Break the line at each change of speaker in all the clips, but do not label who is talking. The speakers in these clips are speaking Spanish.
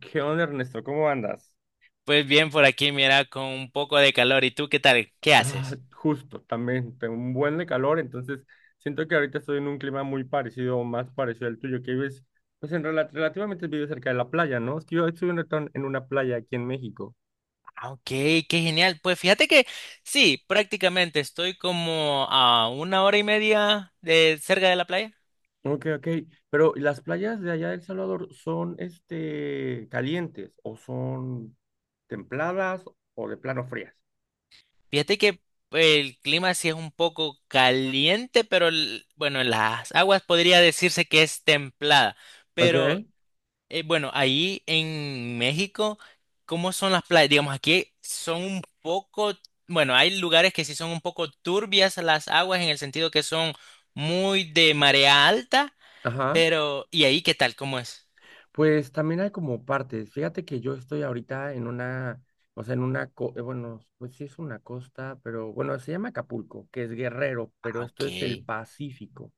¿Qué onda, Ernesto? ¿Cómo andas?
Pues bien, por aquí mira, con un poco de calor. ¿Y tú qué tal? ¿Qué
Ah,
haces?
justo, también tengo un buen de calor, entonces siento que ahorita estoy en un clima muy parecido, o más parecido al tuyo, que vives, pues relativamente vives cerca de la playa, ¿no? Es que yo estoy en una playa aquí en México.
Ah, ok, qué genial. Pues fíjate que sí, prácticamente estoy como a 1 hora y media de cerca de la playa.
Ok, ok, pero ¿y las playas de allá de El Salvador son, calientes o son templadas o de plano frías?
Fíjate que el clima sí es un poco caliente, pero bueno, las aguas podría decirse que es templada. Pero.
Ok,
Bueno, ahí en México, ¿cómo son las playas? Digamos, aquí son un poco, bueno, hay lugares que sí son un poco turbias las aguas en el sentido que son muy de marea alta.
ajá.
Pero ¿y ahí qué tal? ¿Cómo es?
Pues también hay como partes. Fíjate que yo estoy ahorita en una, o sea, en una, bueno, pues sí es una costa, pero bueno, se llama Acapulco, que es Guerrero, pero
Ah,
esto
ok.
es el Pacífico.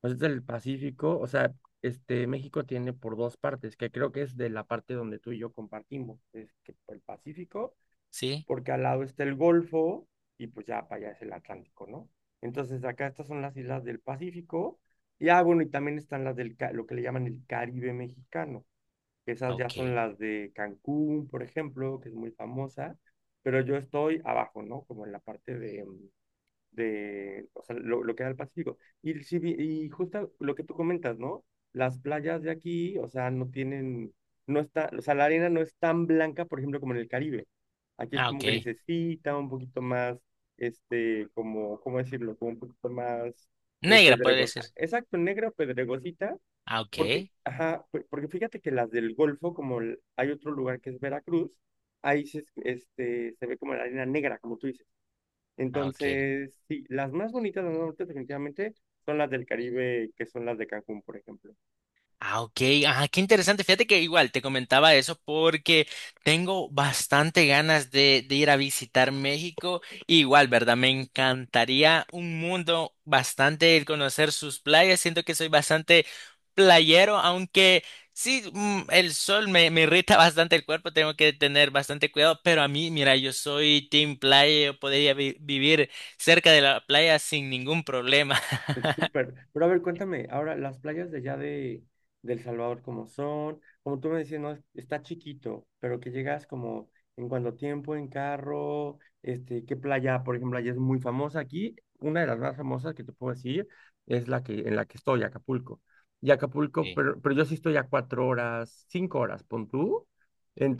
Pues es el Pacífico, o sea, este México tiene por dos partes, que creo que es de la parte donde tú y yo compartimos, es que el Pacífico,
¿Sí?
porque al lado está el Golfo y pues ya para allá es el Atlántico, ¿no? Entonces acá estas son las islas del Pacífico y ah, bueno, y también están las lo que le llaman el Caribe mexicano, esas
Ah,
ya son
ok.
las de Cancún, por ejemplo, que es muy famosa, pero yo estoy abajo, ¿no? Como en la parte de, de, o sea, lo que da el Pacífico. Y, y justo lo que tú comentas, ¿no? Las playas de aquí, o sea, no está, o sea, la arena no es tan blanca, por ejemplo, como en el Caribe. Aquí es
Ah,
como
ok.
grisecita, un poquito más, este, como, ¿cómo decirlo? Como un poquito más
Negra puede
pedregosa.
ser.
Exacto, negra o pedregosita
Ah, ok.
porque, ajá, porque fíjate que las del Golfo, como hay otro lugar que es Veracruz, ahí se, este, se ve como la arena negra, como tú dices.
Ah, ok.
Entonces, sí, las más bonitas del norte definitivamente son las del Caribe, que son las de Cancún, por ejemplo.
Ah, ok. Ajá, qué interesante. Fíjate que igual te comentaba eso porque tengo bastante ganas de ir a visitar México. Igual, ¿verdad? Me encantaría un mundo bastante el conocer sus playas. Siento que soy bastante playero, aunque sí, el sol me irrita bastante el cuerpo. Tengo que tener bastante cuidado. Pero a mí, mira, yo soy team playa. Yo podría vivir cerca de la playa sin ningún problema.
Súper. Pero a ver, cuéntame, ahora las playas de allá de El Salvador, ¿cómo son? Como tú me decías, no, está chiquito, pero que llegas como en cuánto tiempo, en carro, este, ¿qué playa, por ejemplo, allá es muy famosa? Aquí, una de las más famosas que te puedo decir es la que, en la que estoy, Acapulco. Y Acapulco,
Sí.
pero yo sí estoy a 4 horas, 5 horas, pon tú.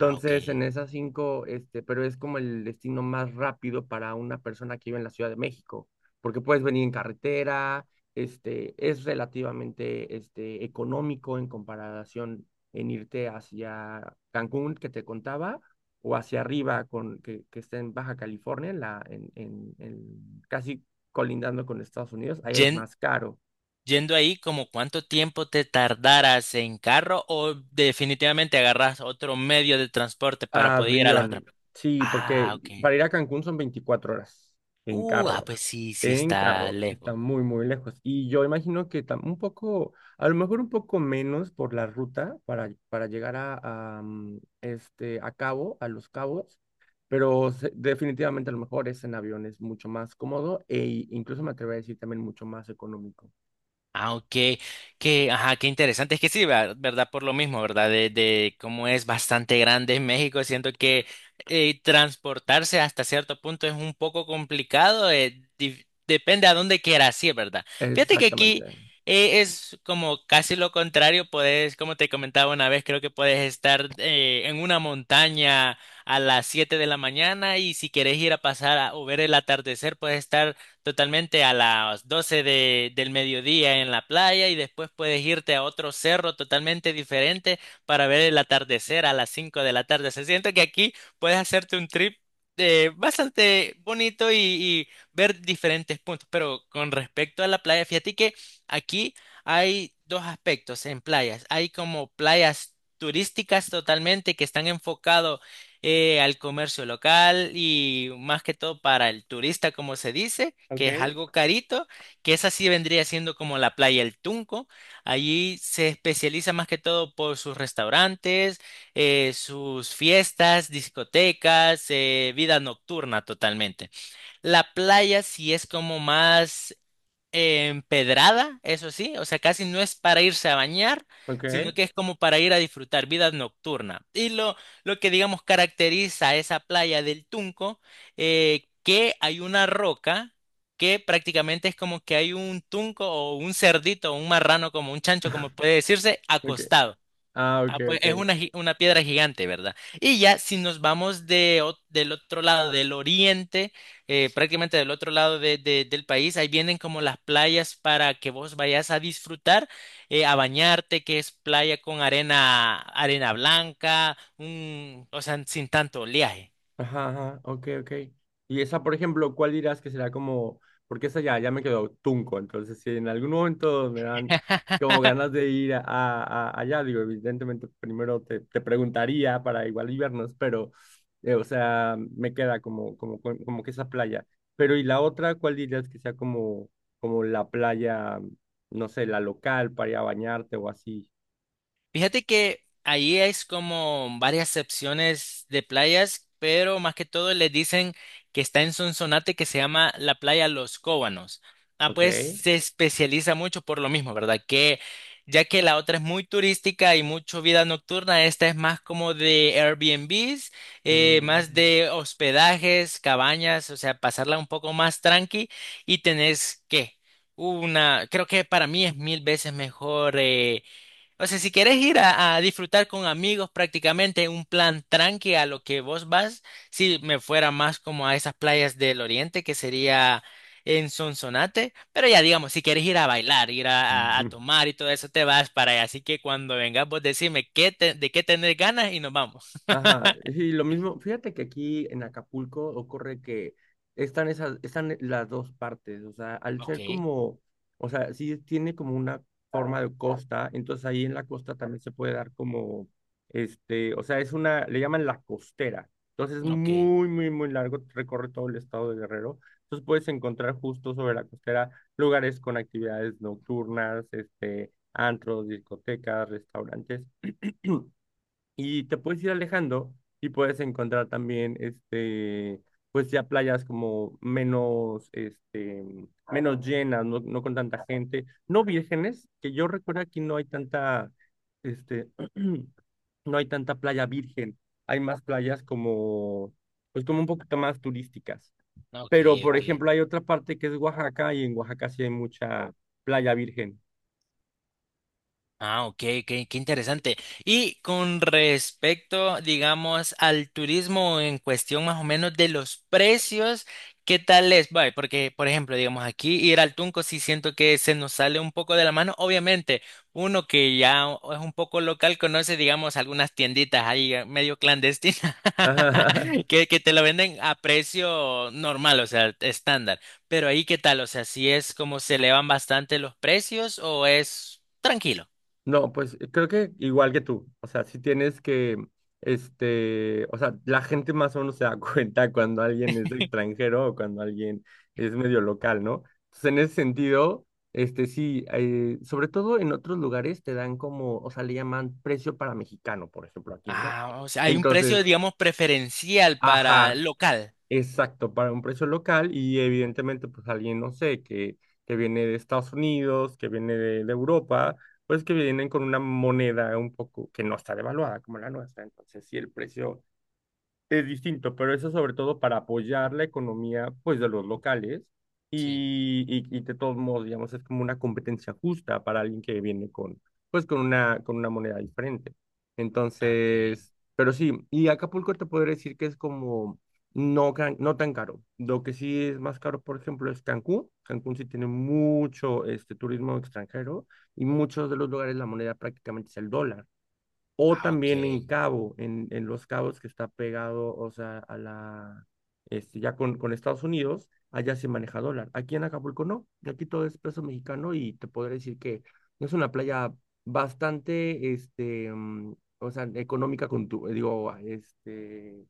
Ah, ok.
en esas cinco, este, pero es como el destino más rápido para una persona que vive en la Ciudad de México porque puedes venir en carretera, este, es relativamente este, económico en comparación en irte hacia Cancún, que te contaba, o hacia arriba, que está en Baja California, en casi colindando con Estados Unidos, ahí es
Yen-
más caro.
Yendo ahí, como cuánto tiempo te tardaras en carro o definitivamente agarras otro medio de transporte para poder ir a las otras.
Avión, sí,
Ah,
porque
ok.
para ir a Cancún son 24 horas en
Ah,
carro.
pues sí, sí
En
está
carro, sí, está
lejos.
muy, muy lejos. Y yo imagino que un poco, a lo mejor un poco menos por la ruta para llegar a, mm, este, a Cabo, a Los Cabos, pero definitivamente a lo mejor es en avión, es mucho más cómodo e incluso me atrevo a decir también mucho más económico.
Ah, ok. Qué, ajá, qué interesante. Es que sí, ¿verdad? Por lo mismo, ¿verdad? De cómo es bastante grande México, siento que transportarse hasta cierto punto es un poco complicado. Depende a dónde quieras ir, ¿verdad? Fíjate que aquí
Exactamente.
es como casi lo contrario. Puedes, como te comentaba una vez, creo que puedes estar en una montaña a las 7 de la mañana y si quieres ir a pasar o ver el atardecer, puedes estar totalmente a las 12 del mediodía en la playa y después puedes irte a otro cerro totalmente diferente para ver el atardecer a las 5 de la tarde. Se siente que aquí puedes hacerte un trip bastante bonito y ver diferentes puntos. Pero con respecto a la playa, fíjate que aquí hay dos aspectos en playas. Hay como playas turísticas totalmente que están enfocados al comercio local y más que todo para el turista, como se dice,
Ok.
que es algo carito, que esa sí vendría siendo como la playa El Tunco. Allí se especializa más que todo por sus restaurantes, sus fiestas, discotecas, vida nocturna totalmente. La playa sí es como más empedrada, eso sí, o sea, casi no es para irse a bañar,
Ok,
sino que es como para ir a disfrutar vida nocturna. Y lo que, digamos, caracteriza a esa playa del Tunco, que hay una roca que prácticamente es como que hay un tunco o un cerdito o un marrano, como un chancho, como puede decirse,
ok.
acostado.
Ah, ok,
Ah, pues es
ok.
una, una piedra gigante, ¿verdad? Y ya si nos vamos del otro lado, del oriente, prácticamente del otro lado del país, ahí vienen como las playas para que vos vayas a disfrutar, a bañarte, que es playa con arena, arena blanca, un, o sea, sin tanto oleaje.
Ajá, ajá, ok, ok. Y esa, por ejemplo, ¿cuál dirás que será como, porque esa ya, ya me quedó tunco, entonces si en algún momento me dan como ganas de ir allá, digo, evidentemente primero te, te preguntaría para igual y vernos, pero, o sea, me queda como, como, como que esa playa. Pero y la otra, ¿cuál dirías que sea como, como la playa, no sé, la local para ir a bañarte o así?
Fíjate que ahí es como varias secciones de playas, pero más que todo le dicen que está en Sonsonate que se llama la playa Los Cóbanos. Ah,
Ok.
pues se especializa mucho por lo mismo, ¿verdad? Que ya que la otra es muy turística y mucho vida nocturna, esta es más como de Airbnbs,
Mm.
más de hospedajes, cabañas, o sea, pasarla un poco más tranqui y tenés que una, creo que para mí es mil veces mejor. O sea, si quieres ir a disfrutar con amigos prácticamente un plan tranqui a lo que vos vas, si me fuera más como a esas playas del oriente que sería en Sonsonate, pero ya digamos, si quieres ir a bailar, ir a tomar y todo eso, te vas para allá. Así que cuando vengas vos decime de qué tenés ganas y nos vamos.
Ajá, sí, lo mismo. Fíjate que aquí en Acapulco ocurre que están esas, están las dos partes, o sea, al ser
Ok,
como, o sea, sí tiene como una forma de costa, entonces ahí en la costa también se puede dar como, este, o sea, es una, le llaman la costera, entonces es
ok,
muy, muy, muy largo, recorre todo el estado de Guerrero, entonces puedes encontrar justo sobre la costera lugares con actividades nocturnas, este, antros, discotecas, restaurantes. Y te puedes ir alejando y puedes encontrar también, este, pues ya playas como menos, este, menos llenas, no, no con tanta gente, no vírgenes, que yo recuerdo aquí no hay tanta, este, no hay tanta playa virgen, hay más playas como, pues como un poquito más turísticas.
ok,
Pero, por
ok.
ejemplo, hay otra parte que es Oaxaca y en Oaxaca sí hay mucha playa virgen.
Ah, ok, qué interesante. Y con respecto, digamos, al turismo en cuestión más o menos de los precios, ¿qué tal es? Vale, porque, por ejemplo, digamos, aquí ir al Tunco sí siento que se nos sale un poco de la mano. Obviamente, uno que ya es un poco local conoce, digamos, algunas tienditas ahí medio clandestinas que te lo venden a precio normal, o sea, estándar. Pero ahí, ¿qué tal? O sea, ¿si es como se elevan bastante los precios o es tranquilo?
No, pues creo que igual que tú, o sea, si tienes que, este, o sea, la gente más o menos se da cuenta cuando alguien es extranjero o cuando alguien es medio local, ¿no? Entonces, en ese sentido, este, sí, sobre todo en otros lugares te dan como, o sea, le llaman precio para mexicano, por ejemplo, aquí, ¿no?
Ah, o sea, hay un precio,
Entonces,
digamos, preferencial para
ajá,
el local.
exacto, para un precio local y evidentemente pues alguien, no sé, que viene de Estados Unidos, que viene de Europa, pues que vienen con una moneda un poco que no está devaluada como la nuestra. Entonces, sí el precio es distinto, pero eso sobre todo para apoyar la economía, pues, de los locales
Sí.
y de todos modos, digamos, es como una competencia justa para alguien que viene con, pues, con una moneda diferente.
Ah, ok.
Entonces, pero sí, y Acapulco te podría decir que es como no, no tan caro. Lo que sí es más caro, por ejemplo, es Cancún. Cancún sí tiene mucho este, turismo extranjero y muchos de los lugares la moneda prácticamente es el dólar o
Ah, ok.
también en Cabo, en Los Cabos que está pegado, o sea, a la, este, ya con Estados Unidos, allá se maneja dólar. Aquí en Acapulco no, aquí todo es peso mexicano y te podré decir que no es una playa bastante, este, mm, o sea, económica con tu, digo, este,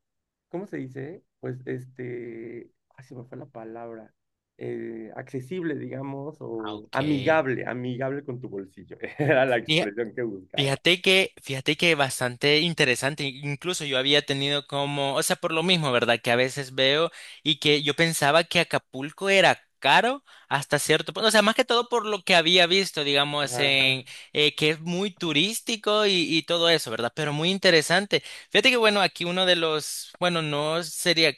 ¿cómo se dice? Pues, este, ay, se me fue la palabra. Eh, accesible, digamos,
Ah,
o
ok.
amigable, amigable con tu bolsillo. Era la expresión que buscaba.
Fíjate que bastante interesante, incluso yo había tenido como, o sea, por lo mismo, ¿verdad? Que a veces veo y que yo pensaba que Acapulco era caro hasta cierto punto, o sea, más que todo por lo que había visto, digamos,
Ajá,
en que es muy turístico y todo eso, ¿verdad? Pero muy interesante. Fíjate que, bueno, aquí uno de los, bueno, no sería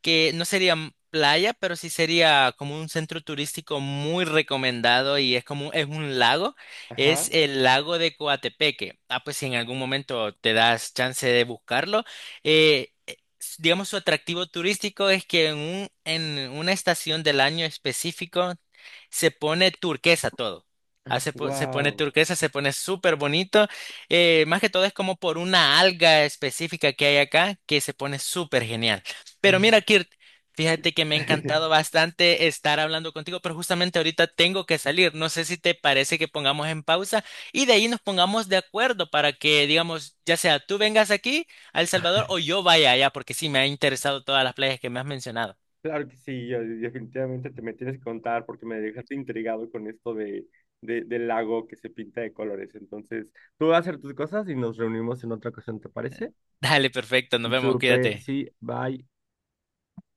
que no sería playa, pero sí sería como un centro turístico muy recomendado y es como es un lago. Es
ajá.
el lago de Coatepeque. Ah, pues si en algún momento te das chance de buscarlo. Digamos, su atractivo turístico es que en en una estación del año específico se pone turquesa todo. Ah, se pone
Wow.
turquesa, se pone súper bonito. Más que todo es como por una alga específica que hay acá que se pone súper genial. Pero mira, Kirt, fíjate que me ha encantado bastante estar hablando contigo, pero justamente ahorita tengo que salir. No sé si te parece que pongamos en pausa y de ahí nos pongamos de acuerdo para que, digamos, ya sea tú vengas aquí a El Salvador o yo vaya allá, porque sí me ha interesado todas las playas que me has mencionado.
Claro que sí, yo definitivamente te me tienes que contar porque me dejaste intrigado con esto de, del lago que se pinta de colores. Entonces, tú vas a hacer tus cosas y nos reunimos en otra ocasión, ¿te parece?
Dale, perfecto, nos vemos,
Supe,
cuídate.
sí, bye.